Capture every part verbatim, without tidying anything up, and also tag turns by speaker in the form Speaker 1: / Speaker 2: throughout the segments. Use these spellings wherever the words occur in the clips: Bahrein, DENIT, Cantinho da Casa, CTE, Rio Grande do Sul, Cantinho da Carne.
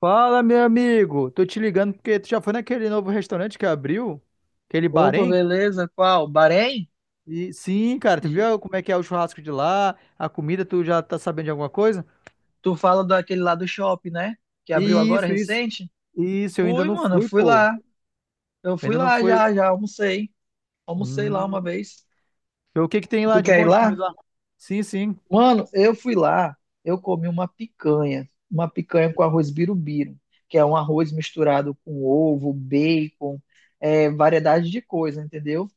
Speaker 1: Fala, meu amigo. Tô te ligando porque tu já foi naquele novo restaurante que abriu, aquele
Speaker 2: Opa,
Speaker 1: Bahrein?
Speaker 2: beleza? Qual? Bahrein?
Speaker 1: E sim, cara, tu
Speaker 2: E
Speaker 1: viu como é que é o churrasco de lá, a comida, tu já tá sabendo de alguma coisa?
Speaker 2: Tu fala daquele lá do shopping, né? Que abriu agora
Speaker 1: Isso, isso.
Speaker 2: recente?
Speaker 1: Isso, eu ainda
Speaker 2: Fui,
Speaker 1: não
Speaker 2: mano, eu
Speaker 1: fui,
Speaker 2: fui
Speaker 1: pô.
Speaker 2: lá. Eu
Speaker 1: Eu
Speaker 2: fui
Speaker 1: ainda não
Speaker 2: lá
Speaker 1: fui.
Speaker 2: já, já almocei. Almocei lá uma
Speaker 1: Hum.
Speaker 2: vez.
Speaker 1: Então, o que que tem lá
Speaker 2: Tu
Speaker 1: de
Speaker 2: quer ir
Speaker 1: bom de
Speaker 2: lá?
Speaker 1: comida lá? Sim, sim.
Speaker 2: Mano, eu fui lá. Eu comi uma picanha. Uma picanha com arroz birubiru, que é um arroz misturado com ovo, bacon, é, variedade de coisa, entendeu?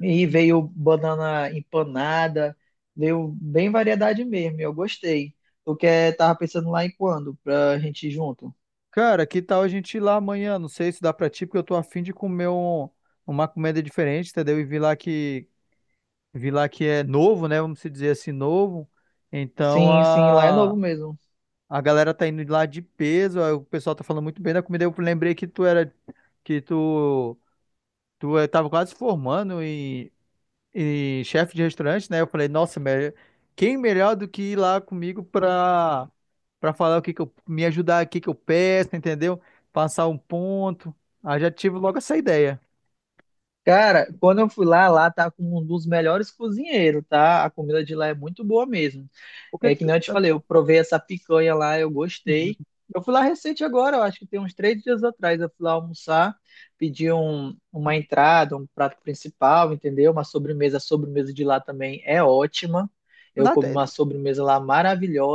Speaker 2: E veio banana empanada, veio bem variedade mesmo, e eu gostei. Tu quer, tava pensando lá em quando, pra gente ir junto?
Speaker 1: Cara, que tal a gente ir lá amanhã? Não sei se dá pra ti, porque eu tô afim de comer um- uma comida diferente, entendeu? E vi lá que vi lá que é novo, né? Vamos se dizer assim, novo. Então,
Speaker 2: Sim, sim, lá é novo mesmo.
Speaker 1: a galera tá indo lá de peso, aí o pessoal tá falando muito bem da comida. Eu lembrei que tu era, que tu, tu eh, tava quase formando em, em chefe de restaurante, né? Eu falei, nossa, me- quem melhor do que ir lá comigo pra, pra falar o que que eu, me ajudar, o que que eu peço, entendeu? Passar um ponto. Aí já tive logo essa ideia.
Speaker 2: Cara, quando eu fui lá, lá tá com um dos melhores cozinheiros, tá? A comida de lá é muito boa mesmo.
Speaker 1: O que,
Speaker 2: É que
Speaker 1: que-
Speaker 2: nem eu te falei, eu provei essa picanha lá, eu
Speaker 1: Uhum.
Speaker 2: gostei. Eu fui lá recente agora, eu acho que tem uns três dias atrás. Eu fui lá almoçar, pedi um, uma entrada, um prato principal, entendeu? Uma sobremesa. A sobremesa de lá também é ótima. Eu comi
Speaker 1: Nada,
Speaker 2: uma sobremesa lá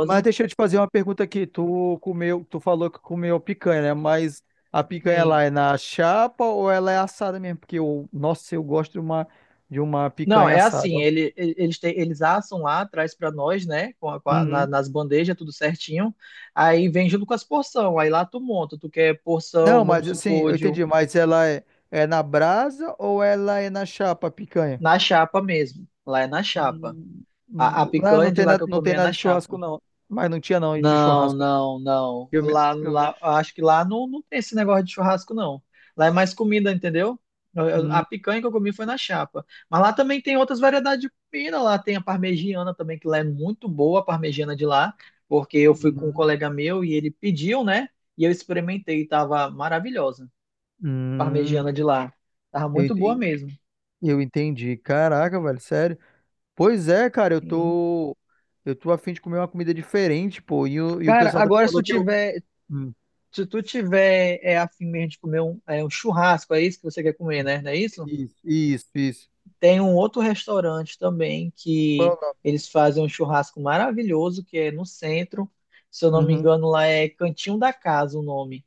Speaker 1: mas deixa eu te fazer uma pergunta aqui. Tu comeu, tu falou que comeu picanha, né? Mas a picanha
Speaker 2: Sim.
Speaker 1: lá é na chapa ou ela é assada mesmo? Porque eu, nossa, eu gosto de uma de uma
Speaker 2: Não,
Speaker 1: picanha
Speaker 2: é
Speaker 1: assada,
Speaker 2: assim,
Speaker 1: ó.
Speaker 2: ele, ele- eles, têm- eles assam lá, traz para nós, né? Com a- com a- na-
Speaker 1: Uhum.
Speaker 2: nas bandejas, tudo certinho. Aí vem junto com as porção. Aí lá tu monta, tu quer
Speaker 1: Não,
Speaker 2: porção, vamos
Speaker 1: mas assim,
Speaker 2: supor,
Speaker 1: eu
Speaker 2: de um,
Speaker 1: entendi, mas ela é, é na brasa ou ela é na chapa a picanha?
Speaker 2: na chapa mesmo. Lá é na chapa.
Speaker 1: Hum,
Speaker 2: A, a
Speaker 1: hum. Lá não
Speaker 2: picanha de
Speaker 1: tem
Speaker 2: lá
Speaker 1: nada,
Speaker 2: que eu
Speaker 1: não tem
Speaker 2: comia
Speaker 1: nada
Speaker 2: na
Speaker 1: de churrasco
Speaker 2: chapa.
Speaker 1: não. Mas não tinha não de
Speaker 2: Não,
Speaker 1: churrasco, né?
Speaker 2: não, não.
Speaker 1: Eu me,
Speaker 2: Lá,
Speaker 1: eu me...
Speaker 2: lá, acho que lá não, não tem esse negócio de churrasco, não. Lá é mais comida, entendeu? Eu- eu- A
Speaker 1: Hum,
Speaker 2: picanha que eu comi foi na chapa. Mas lá também tem outras variedades de comida. Lá tem a parmegiana também, que lá é muito boa, a parmegiana de lá, porque eu fui com um
Speaker 1: uhum.
Speaker 2: colega meu e ele pediu, né? E eu experimentei e tava maravilhosa.
Speaker 1: Hum,
Speaker 2: Parmegiana de lá. Tava
Speaker 1: eu
Speaker 2: muito boa
Speaker 1: entendi,
Speaker 2: mesmo.
Speaker 1: eu entendi. Caraca, velho, sério. Pois é, cara, eu
Speaker 2: Hum.
Speaker 1: tô. Eu tô a fim de comer uma comida diferente, pô. E o, e o
Speaker 2: Cara,
Speaker 1: pessoal também
Speaker 2: agora se
Speaker 1: falou
Speaker 2: tu
Speaker 1: que eu.
Speaker 2: tiver.
Speaker 1: Hum,
Speaker 2: Se tu tiver é, afim mesmo de comer um, é, um churrasco, é isso que você quer comer, né? Não é isso?
Speaker 1: Isso, isso, isso.
Speaker 2: Tem um outro restaurante também que
Speaker 1: Qual é
Speaker 2: eles fazem um churrasco maravilhoso, que é no centro. Se eu
Speaker 1: o
Speaker 2: não me
Speaker 1: nome? Uhum.
Speaker 2: engano, lá é Cantinho da Casa o nome.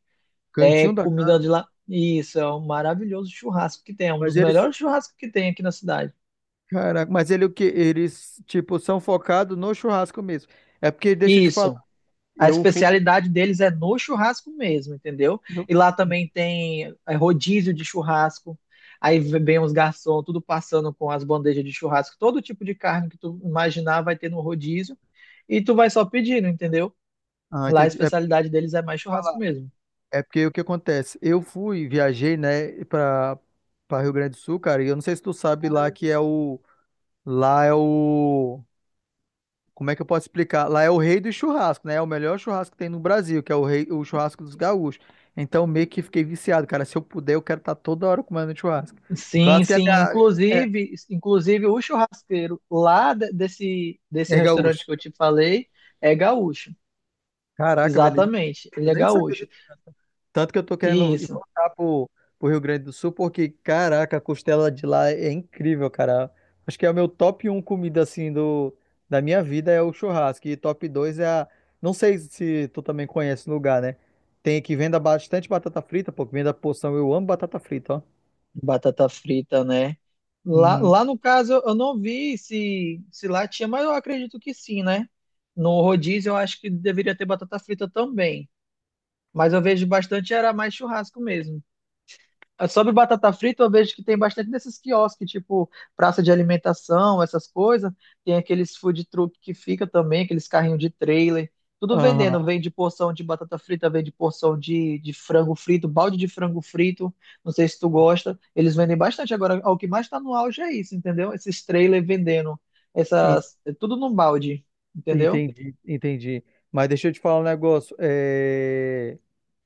Speaker 2: É
Speaker 1: Cantinho da
Speaker 2: comida
Speaker 1: casa.
Speaker 2: de lá. Isso, é um maravilhoso churrasco que tem. É um
Speaker 1: Mas
Speaker 2: dos
Speaker 1: eles.
Speaker 2: melhores churrascos que tem aqui na cidade.
Speaker 1: Caraca, mas ele o quê? Eles, tipo, são focados no churrasco mesmo. É porque, deixa eu te falar,
Speaker 2: Isso. A
Speaker 1: eu fui.
Speaker 2: especialidade deles é no churrasco mesmo, entendeu?
Speaker 1: eu-
Speaker 2: E lá também tem é, rodízio de churrasco. Aí vem os garçons, tudo passando com as bandejas de churrasco, todo tipo de carne que tu imaginar vai ter no rodízio. E tu vai só pedindo, entendeu?
Speaker 1: Ah,
Speaker 2: Lá a
Speaker 1: entendi. É pra
Speaker 2: especialidade deles é mais churrasco
Speaker 1: falar.
Speaker 2: mesmo.
Speaker 1: É porque o que acontece? Eu fui, viajei, né, pra, pra Rio Grande do Sul, cara, e eu não sei se tu sabe lá que é o. Lá é o. Como é que eu posso explicar? Lá é o rei do churrasco, né? É o melhor churrasco que tem no Brasil, que é o rei, o churrasco dos gaúchos. Então, meio que fiquei viciado, cara. Se eu puder, eu quero estar toda hora comendo churrasco.
Speaker 2: Sim,
Speaker 1: Churrasco é,
Speaker 2: sim.
Speaker 1: ga-
Speaker 2: Inclusive, inclusive o churrasqueiro lá de- desse, desse
Speaker 1: é, é gaúcho.
Speaker 2: restaurante que eu te falei é gaúcho.
Speaker 1: Caraca, velho.
Speaker 2: Exatamente, ele
Speaker 1: Eu
Speaker 2: é
Speaker 1: nem sabia.
Speaker 2: gaúcho.
Speaker 1: Tanto que eu tô querendo ir
Speaker 2: Isso.
Speaker 1: voltar pro, pro Rio Grande do Sul, porque, caraca, a costela de lá é incrível, cara. Acho que é o meu top um comida, assim, do, da minha vida é o churrasco. E top dois é a... Não sei se tu também conhece o lugar, né? Tem que venda bastante batata frita, pô, que venda porção. Eu amo batata frita, ó.
Speaker 2: Batata frita, né? Lá,
Speaker 1: Uhum.
Speaker 2: lá no caso, eu não vi se, se lá tinha, mas eu acredito que sim, né? No rodízio, eu acho que deveria ter batata frita também. Mas eu vejo bastante, era mais churrasco mesmo. É, sobre batata frita, eu vejo que tem bastante nesses quiosques, tipo praça de alimentação, essas coisas. Tem aqueles food truck que fica também, aqueles carrinhos de trailer. Tudo
Speaker 1: Aham,
Speaker 2: vendendo. Vende porção de batata frita, vende porção de, de frango frito, balde de frango frito. Não sei se tu gosta. Eles vendem bastante. Agora, o que mais tá no auge é isso, entendeu? Esses trailers vendendo.
Speaker 1: en-
Speaker 2: Essas, é tudo num balde, entendeu?
Speaker 1: entendi, entendi. Mas deixa eu te falar um negócio. É...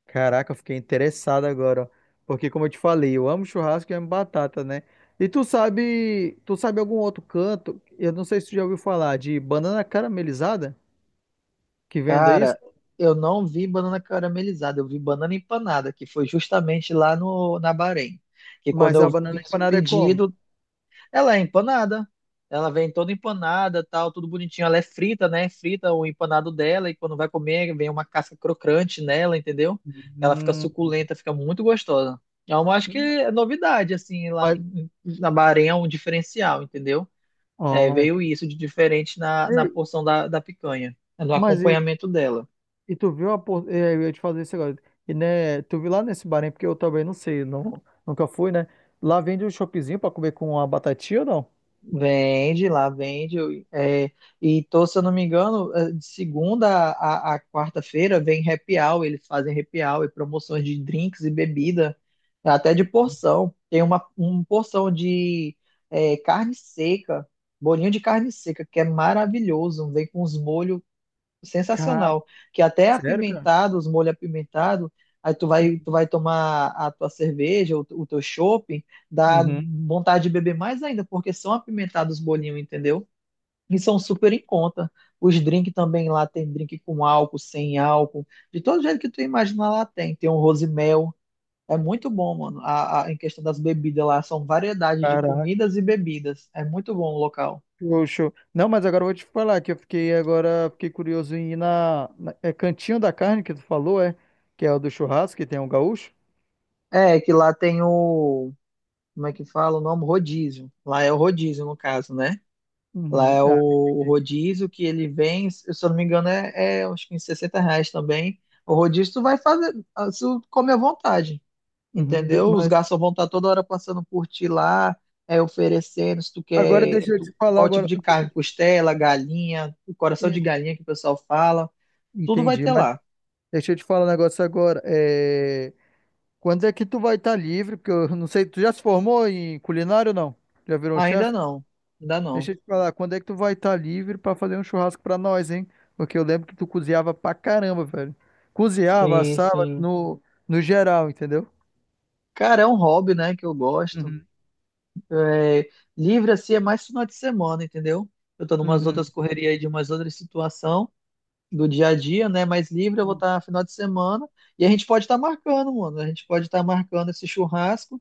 Speaker 1: Caraca, eu fiquei interessado agora, ó. Porque como eu te falei, eu amo churrasco e amo batata, né? E tu sabe, tu sabe algum outro canto? Eu não sei se tu já ouviu falar de banana caramelizada que venda isso,
Speaker 2: Cara, eu não vi banana caramelizada, eu vi banana empanada, que foi justamente lá no, na Bahrein. Que quando
Speaker 1: mas a
Speaker 2: eu
Speaker 1: banana
Speaker 2: fiz o
Speaker 1: empanada é como?
Speaker 2: pedido, ela é empanada. Ela vem toda empanada, tal, tudo bonitinho. Ela é frita, né? Frita o empanado dela, e quando vai comer, vem uma casca crocante nela, entendeu? Ela fica
Speaker 1: Hum,
Speaker 2: suculenta, fica muito gostosa. Então, eu acho que é novidade, assim, lá
Speaker 1: mas,
Speaker 2: na Bahrein é um diferencial, entendeu? É,
Speaker 1: ó,
Speaker 2: veio
Speaker 1: entendi.
Speaker 2: isso de diferente na,
Speaker 1: Ei,
Speaker 2: na porção da, da picanha, no
Speaker 1: mas e,
Speaker 2: acompanhamento dela.
Speaker 1: e tu viu a, por- é, eu ia te fazer isso agora. E né, tu viu lá nesse bar, hein? Porque eu também não sei, não, nunca fui, né? Lá vende um chopezinho pra comer com uma batatinha ou não?
Speaker 2: Vende, lá vende. Eu- é, e tô, se eu não me engano, é, de segunda a, a- quarta-feira vem happy hour, eles fazem happy hour e promoções de drinks e bebida, até de porção. Tem uma, uma porção de é, carne seca, bolinho de carne seca, que é maravilhoso. Vem com os molhos
Speaker 1: Cara,
Speaker 2: sensacional, que até é
Speaker 1: sério, cara?
Speaker 2: apimentado, os molhos apimentados, aí tu vai, tu vai tomar a tua cerveja, o, o teu shopping dá
Speaker 1: Uhum.
Speaker 2: vontade de beber mais ainda, porque são apimentados os bolinhos, entendeu? E são super em conta. Os drinks também lá tem drink com álcool, sem álcool, de todo jeito que tu imagina lá tem. Tem um rosimel, é muito bom, mano. A, a- em questão das bebidas lá, são variedades de
Speaker 1: Caraca.
Speaker 2: comidas e bebidas. É muito bom o local.
Speaker 1: Show, show. Não, mas agora eu vou te falar que eu fiquei agora, fiquei curioso em ir na, na- é Cantinho da Carne que tu falou, é? Que é o do churrasco, que tem o gaúcho.
Speaker 2: É, que lá tem o, como é que fala o nome? Rodízio. Lá é o rodízio, no caso, né? Lá
Speaker 1: Uhum.
Speaker 2: é o,
Speaker 1: Ah,
Speaker 2: o
Speaker 1: entendi.
Speaker 2: rodízio que ele vem, se eu não me engano, é, é uns quinze, sessenta reais também. O rodízio tu vai fazer, ah, se tu come à vontade,
Speaker 1: Uhum. De-
Speaker 2: entendeu? Os
Speaker 1: Mas
Speaker 2: garçons vão estar toda hora passando por ti lá, é, oferecendo, se tu
Speaker 1: agora
Speaker 2: quer,
Speaker 1: deixa eu
Speaker 2: tu,
Speaker 1: te falar
Speaker 2: qual tipo
Speaker 1: agora,
Speaker 2: de
Speaker 1: deixa eu
Speaker 2: carne,
Speaker 1: te-
Speaker 2: costela, galinha, coração de
Speaker 1: en-
Speaker 2: galinha que o pessoal fala, tudo vai
Speaker 1: entendi,
Speaker 2: ter
Speaker 1: mas
Speaker 2: lá.
Speaker 1: deixa eu te falar um negócio agora. É, quando é que tu vai estar livre? Porque eu não sei, tu já se formou em culinário ou não? Já virou um
Speaker 2: Ainda
Speaker 1: chefe?
Speaker 2: não, ainda não.
Speaker 1: Deixa eu te falar, quando é que tu vai estar livre pra fazer um churrasco pra nós, hein? Porque eu lembro que tu cozinhava pra caramba, velho. Cozinhava,
Speaker 2: Sim,
Speaker 1: assava
Speaker 2: sim.
Speaker 1: no, no geral, entendeu?
Speaker 2: Cara, é um hobby, né, que eu gosto.
Speaker 1: Uhum.
Speaker 2: É, livre assim é mais final de semana, entendeu? Eu tô numas outras
Speaker 1: Uhum.
Speaker 2: correrias aí de umas outras situação do dia a dia, né? Mas livre eu vou estar final de semana e a gente pode estar marcando, mano. A gente pode estar marcando esse churrasco.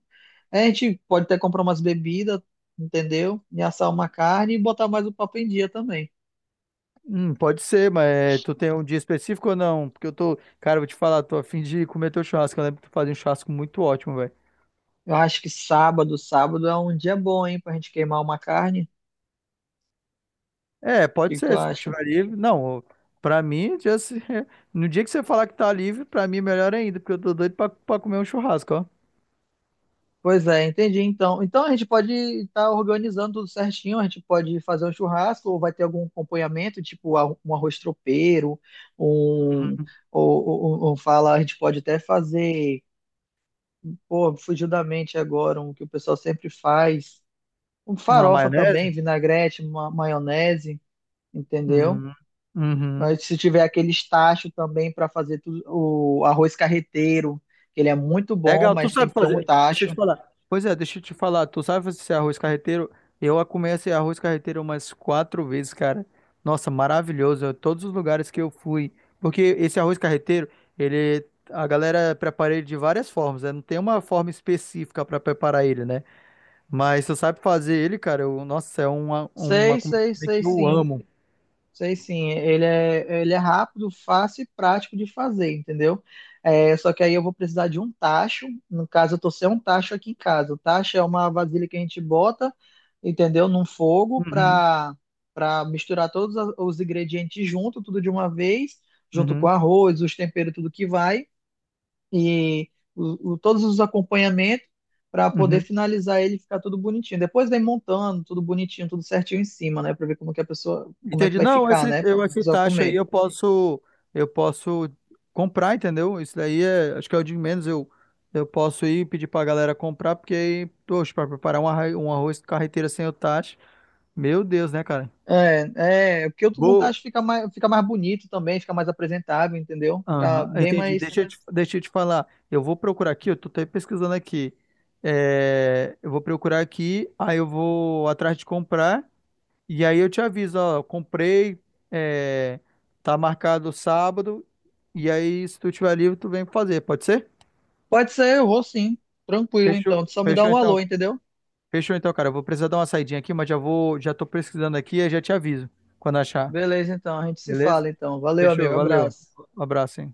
Speaker 2: É, a gente pode até comprar umas bebidas, entendeu? E assar uma carne e botar mais o papo em dia também.
Speaker 1: Hum, pode ser, mas é, tu tem um dia específico ou não? Porque eu tô, cara, eu vou te falar, tô a fim de comer teu churrasco. Eu lembro que tu fazia um churrasco muito ótimo, velho.
Speaker 2: Eu acho que sábado, sábado é um dia bom, hein, pra gente queimar uma carne.
Speaker 1: É,
Speaker 2: O que
Speaker 1: pode
Speaker 2: que tu
Speaker 1: ser, se tu
Speaker 2: acha?
Speaker 1: tiver livre. Não, pra mim, já se- no dia que você falar que tá livre, pra mim é melhor ainda, porque eu tô doido pra, pra comer um churrasco, ó.
Speaker 2: Pois é, entendi. Então, então a gente pode estar organizando tudo certinho, a gente pode fazer um churrasco, ou vai ter algum acompanhamento, tipo a- um arroz tropeiro, um, ou, ou- ou fala, a gente pode até fazer, pô, fugiu da mente agora, um que o pessoal sempre faz, um
Speaker 1: Uma
Speaker 2: farofa
Speaker 1: maionese?
Speaker 2: também, vinagrete, ma- maionese, entendeu?
Speaker 1: Uhum. Uhum.
Speaker 2: Aí, se tiver aquele tacho também para fazer tudo, o arroz carreteiro, que ele é muito bom,
Speaker 1: Legal, tu
Speaker 2: mas tem
Speaker 1: sabe
Speaker 2: que ter um
Speaker 1: fazer. Deixa eu te
Speaker 2: tacho.
Speaker 1: falar. Pois é, deixa eu te falar. Tu sabe fazer esse arroz carreteiro? Eu a comi esse arroz carreteiro umas quatro vezes, cara. Nossa, maravilhoso. eu- Todos os lugares que eu fui. Porque esse arroz carreteiro, ele. A galera prepara ele de várias formas, né? Não tem uma forma específica para preparar ele, né? Mas tu sabe fazer ele, cara, eu- nossa, é uma, uma
Speaker 2: Sei,
Speaker 1: comida
Speaker 2: sei, sei,
Speaker 1: que eu
Speaker 2: sim.
Speaker 1: amo.
Speaker 2: Sei sim, ele é, ele é rápido, fácil e prático de fazer, entendeu? É, só que aí eu vou precisar de um tacho. No caso, eu tô sem um tacho aqui em casa. O tacho é uma vasilha que a gente bota, entendeu? Num fogo
Speaker 1: Uhum,
Speaker 2: para para misturar todos a- os ingredientes junto, tudo de uma vez, junto com
Speaker 1: uhum,
Speaker 2: arroz, os temperos, tudo que vai e o, o- todos os acompanhamentos para poder
Speaker 1: uhum.
Speaker 2: finalizar ele e ficar tudo bonitinho. Depois vem montando tudo bonitinho, tudo certinho em cima, né? Para ver como que a pessoa, como é que
Speaker 1: Entendi.
Speaker 2: vai
Speaker 1: Não,
Speaker 2: ficar,
Speaker 1: esse,
Speaker 2: né? Para
Speaker 1: eu,
Speaker 2: a
Speaker 1: esse
Speaker 2: pessoa
Speaker 1: taxa aí
Speaker 2: comer.
Speaker 1: eu posso, eu posso comprar, entendeu? Isso daí é, acho que é o de menos. Eu, eu posso ir pedir pra galera comprar, porque aí, poxa, pra preparar um arroz, um arroz carreteira sem o taxa, meu Deus, né, cara?
Speaker 2: É, é, porque o
Speaker 1: Vou.
Speaker 2: montagem fica mais, fica mais bonito também, fica mais apresentável, entendeu? Fica
Speaker 1: Aham,
Speaker 2: bem
Speaker 1: entendi.
Speaker 2: mais.
Speaker 1: Deixa eu te, deixa eu te falar. Eu vou procurar aqui, eu tô até pesquisando aqui. É, eu vou procurar aqui, aí eu vou atrás de comprar. E aí eu te aviso, ó, eu comprei, é, tá marcado sábado, e aí se tu tiver livre, tu vem fazer, pode ser?
Speaker 2: Pode ser, eu vou sim. Tranquilo,
Speaker 1: Fechou,
Speaker 2: então. Tu só me dá
Speaker 1: fechou
Speaker 2: um
Speaker 1: então,
Speaker 2: alô, entendeu?
Speaker 1: fechou então, cara. Eu vou precisar dar uma saidinha aqui, mas já vou, já tô pesquisando aqui e já te aviso quando achar,
Speaker 2: Beleza, então. A gente se
Speaker 1: beleza?
Speaker 2: fala, então. Valeu,
Speaker 1: Fechou,
Speaker 2: amigo.
Speaker 1: valeu.
Speaker 2: Abraço.
Speaker 1: Um abraço, hein?